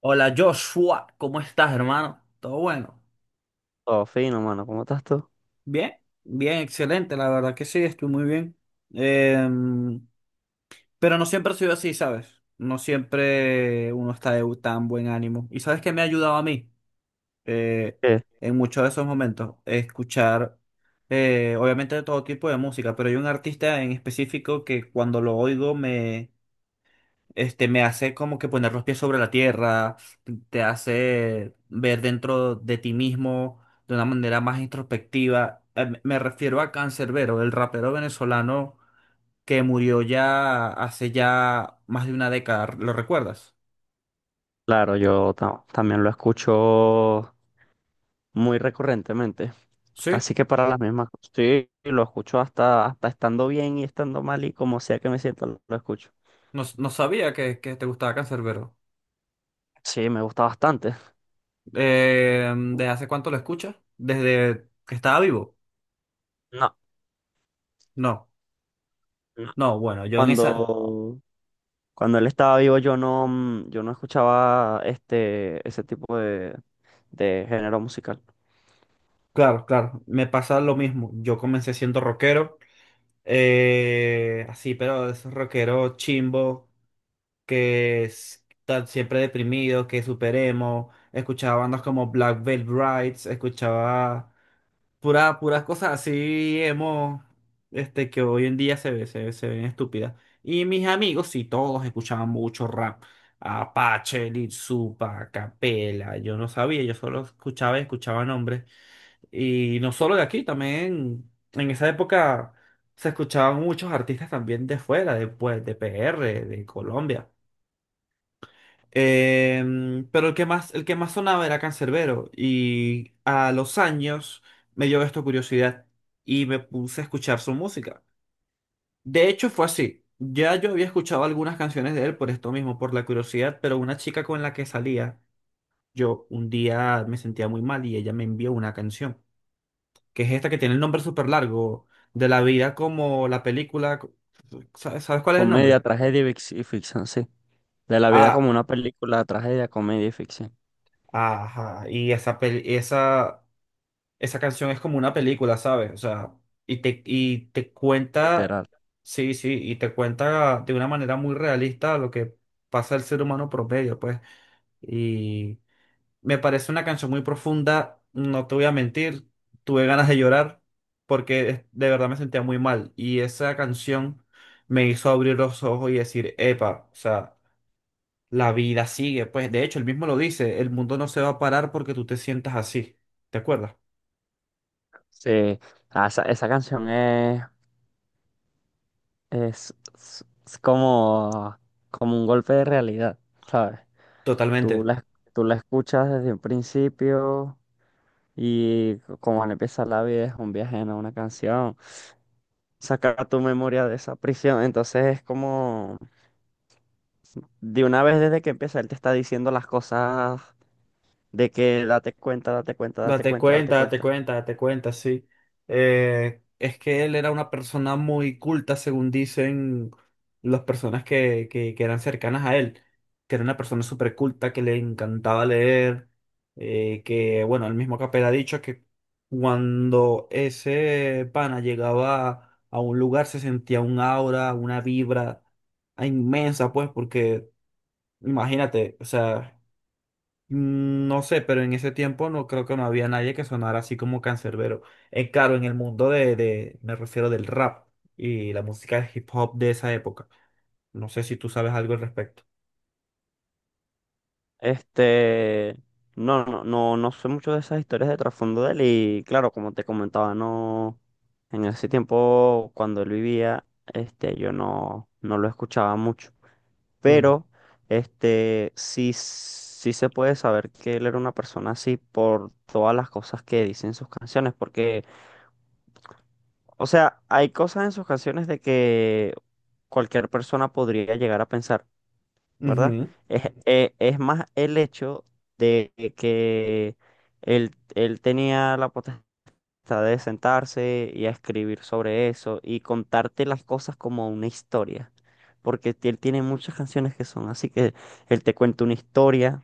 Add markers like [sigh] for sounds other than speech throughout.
Hola Joshua, ¿cómo estás, hermano? ¿Todo bueno? Todo fino, mano. ¿Cómo estás tú? Bien, bien, excelente, la verdad que sí, estoy muy bien. Em, pero no siempre ha sido así, ¿sabes? No siempre uno está de tan buen ánimo. ¿Y sabes qué me ha ayudado a mí Eh, Eh, en muchos de esos momentos? Escuchar, obviamente, de todo tipo de música, pero hay un artista en específico que cuando lo oigo me hace como que poner los pies sobre la tierra, te hace ver dentro de ti mismo de una manera más introspectiva. Me refiero a Canserbero, el rapero venezolano que murió ya hace ya más de una década. ¿Lo recuerdas? claro, también lo escucho muy recurrentemente. Sí, Casi que para las mismas cosas. Sí, lo escucho hasta estando bien y estando mal y como sea que me sienta, lo escucho. no, no sabía que te gustaba Canserbero. Sí, me gusta bastante. ¿Desde hace cuánto lo escuchas? ¿Desde que estaba vivo? No, No, no. no, bueno, yo en esa. Cuando, Cuando él estaba vivo, yo no, yo no escuchaba este, ese tipo de género musical. Claro, claro, me pasa lo mismo. Yo comencé siendo rockero, así, pero esos rockeros chimbo, están siempre deprimidos, que superemos. Escuchaba bandas como Black Veil Brides, escuchaba puras cosas así emo, que hoy en día se ven estúpidas. Y mis amigos, sí, todos escuchaban mucho rap. Apache, Lil Supa, Capela, yo no sabía, yo solo escuchaba y escuchaba nombres. Y no solo de aquí, también en esa época se escuchaban muchos artistas también de fuera, pues, de PR, de Colombia. Pero el que más sonaba era Canserbero. Y a los años me dio esto curiosidad y me puse a escuchar su música. De hecho, fue así. Ya yo había escuchado algunas canciones de él por esto mismo, por la curiosidad, pero una chica con la que salía, yo un día me sentía muy mal y ella me envió una canción que es esta que tiene el nombre súper largo, de la vida como la película. ¿Sabes, sabes cuál es el Comedia, nombre? tragedia y y ficción, sí. De la vida Ah, como una película, tragedia, comedia y ficción. ajá. Esa canción es como una película, ¿sabes? O sea, y te cuenta, Literal. sí, sí, y te cuenta de una manera muy realista lo que pasa el ser humano promedio, pues. Me parece una canción muy profunda, no te voy a mentir, tuve ganas de llorar de verdad me sentía muy mal y esa canción me hizo abrir los ojos y decir, epa, o sea, la vida sigue, pues de hecho él mismo lo dice, el mundo no se va a parar porque tú te sientas así, ¿te acuerdas? Sí. Ah, esa canción es como, como un golpe de realidad, ¿sabes? Tú Totalmente. la, Tú la escuchas desde un principio y como al empezar la vida es un viaje en una canción, saca tu memoria de esa prisión, entonces es como de una vez desde que empieza él te está diciendo las cosas de que date cuenta, date cuenta, date Date cuenta, date cuenta, date cuenta. cuenta, date cuenta, sí. Es que él era una persona muy culta, según dicen las personas que eran cercanas a él, que era una persona súper culta, que le encantaba leer, bueno, el mismo Capel ha dicho que cuando ese pana llegaba a un lugar se sentía un aura, una vibra inmensa, pues, porque imagínate, o sea... Mm, no sé, pero en ese tiempo no creo que no había nadie que sonara así como Cancerbero. Es claro, en el mundo me refiero del rap y la música de hip hop de esa época. No sé si tú sabes algo al respecto. Este, no sé mucho de esas historias de trasfondo de él y claro, como te comentaba, no, en ese tiempo cuando él vivía, este, yo no, no lo escuchaba mucho, Mm. pero, este, sí, sí se puede saber que él era una persona así por todas las cosas que dice en sus canciones, porque, o sea, hay cosas en sus canciones de que cualquier persona podría llegar a pensar. ¿Verdad? Ujú, Es más el hecho de que él tenía la potestad de sentarse y a escribir sobre eso y contarte las cosas como una historia, porque él tiene muchas canciones que son así que él te cuenta una historia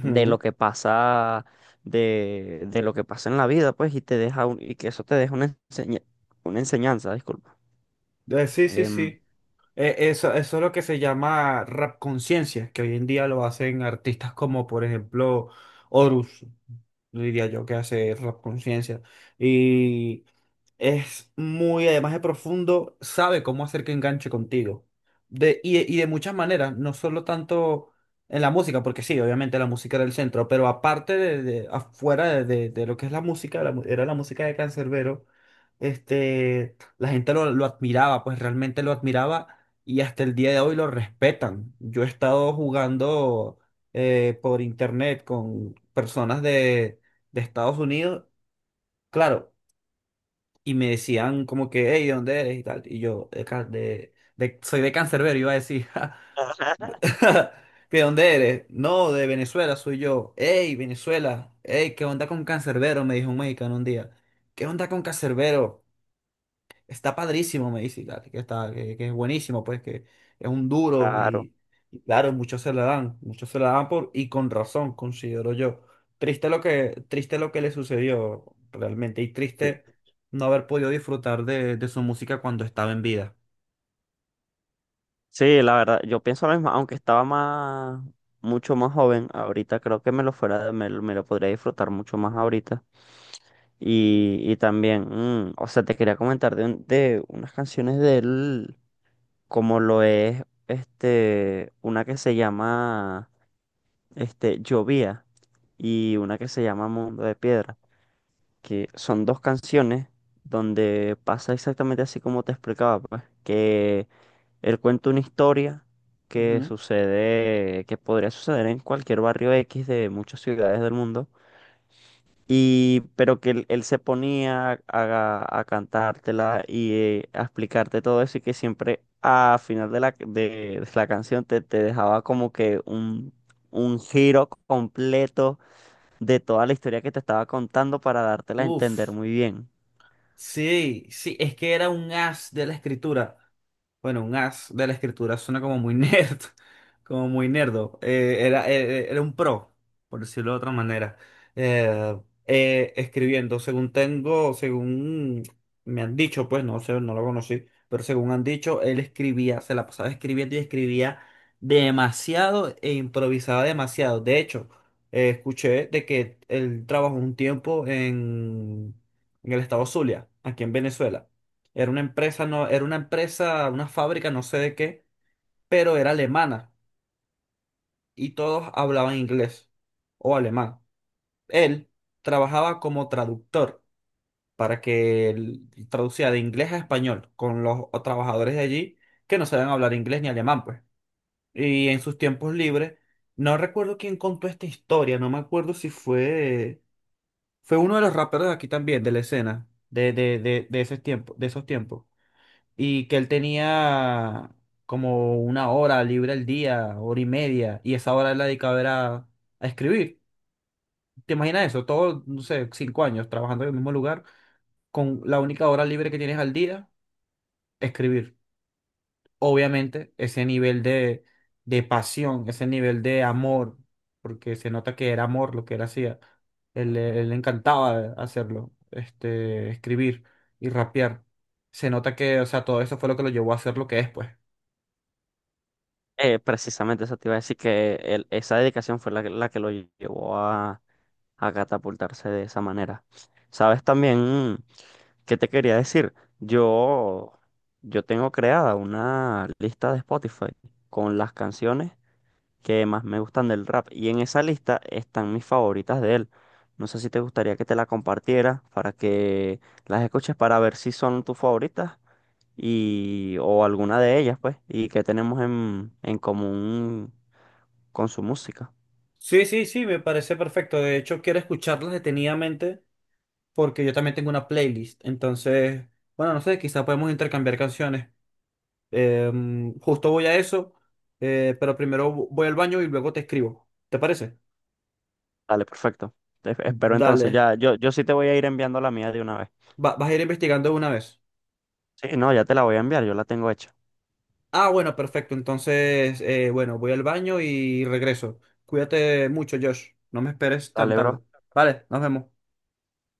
de lo que pasa. De lo que pasa en la vida, pues, y te deja y que eso te deja una una enseñanza, disculpa. Sí, sí, Em, sí. Eso, eso es lo que se llama rap conciencia, que hoy en día lo hacen artistas como, por ejemplo, Horus, diría yo, que hace rap conciencia. Y es muy, además de profundo, sabe cómo hacer que enganche contigo. Y de muchas maneras, no solo tanto en la música, porque sí, obviamente la música era el centro, pero afuera de lo que es la música, la mu- era la música de Canserbero, la gente lo admiraba, pues realmente lo admiraba y hasta el día de hoy lo respetan. Yo he estado jugando por internet con personas de Estados Unidos. Claro, y me decían como que, hey, ¿de dónde eres? Y tal. Y yo, de, Ca- de- soy de Cancerbero, iba a decir, "Ja". [laughs] [laughs] ¿Que ¿de dónde eres? No, de Venezuela soy yo. Hey, Venezuela, hey, ¿qué onda con Cancerbero? Me dijo un mexicano un día. ¿Qué onda con Cancerbero? Está padrísimo, me dice, claro, que está, que es buenísimo, pues, que es un duro claro. Y claro, muchos se la dan, muchos se la dan por, y con razón, considero yo. Triste triste lo que le sucedió realmente, y triste eh, no haber podido disfrutar de su música cuando estaba en vida. Sí, la verdad, yo pienso lo mismo, aunque estaba más, mucho más joven, ahorita creo que me lo fuera, me lo podría disfrutar mucho más ahorita. Y también, o sea, te quería comentar de, de unas canciones de él, como lo es, este, una que se llama, este, Llovía y una que se llama Mundo de Piedra, que son dos canciones donde pasa exactamente así como te explicaba, pues, que él cuenta una historia que Ujú. sucede, que podría suceder en cualquier barrio X de muchas ciudades del mundo, y, pero que él se ponía a cantártela y a explicarte todo eso y que siempre a final de la canción te dejaba como que un giro completo de toda la historia que te estaba contando para dártela a entender Uf. muy bien. Sí, sí, es que era un as de la escritura. Bueno, un as de la escritura suena como muy nerd, [laughs] como muy nerdo. Era un pro, por decirlo de otra manera. Eh, Escribiendo, según me han dicho, pues no sé, no lo conocí, pero según han dicho, él escribía, se la pasaba escribiendo y escribía demasiado e improvisaba demasiado. De hecho, escuché de que él trabajó un tiempo en el estado Zulia, aquí en Venezuela. Era una empresa, una fábrica, no sé de qué, pero era alemana y todos hablaban inglés o alemán. Él trabajaba como traductor, para que él traducía de inglés a español con los trabajadores de allí que no sabían hablar inglés ni alemán, pues. Y en sus tiempos libres, no recuerdo quién contó esta historia, no me acuerdo si fue uno de los raperos de aquí también, de la escena, de ese tiempo, de esos tiempos, y que él tenía como una hora libre al día, hora y media, y esa hora él la dedicaba era a escribir. ¿Te imaginas eso? Todos, no sé, 5 años trabajando en el mismo lugar, con la única hora libre que tienes al día, escribir. Obviamente, ese nivel de pasión, ese nivel de amor, porque se nota que era amor lo que él hacía. Él le encantaba hacerlo, escribir y rapear. Se nota que, o sea, todo eso fue lo que lo llevó a hacer lo que es, pues. Precisamente eso te iba a decir que esa dedicación fue la que lo llevó a catapultarse de esa manera. ¿Sabes también qué te quería decir? Yo, yo tengo creada una lista de Spotify con las canciones que más me gustan del rap y en esa lista están mis favoritas de él. No sé si te gustaría que te la compartiera para que las escuches para ver si son tus favoritas y, o alguna de ellas, pues, y qué tenemos en común con su música. Sí, sí, sí, me parece perfecto. De hecho, quiero escucharlas detenidamente porque yo también tengo una playlist. Entonces, bueno, no sé, quizá podemos intercambiar canciones. Justo voy a eso, pero primero voy al baño y luego te escribo. ¿Te parece? Dale, perfecto. Te- Espero entonces, Dale. ya, yo sí te voy a ir enviando la mía de una vez. Vas a ir investigando de una vez. Sí, no, ya te la voy a enviar, yo la tengo hecha. Ah, bueno, perfecto. Entonces, bueno, voy al baño y regreso. Cuídate mucho, Josh. No me esperes tan Dale, bro. tarde. Vale, nos vemos.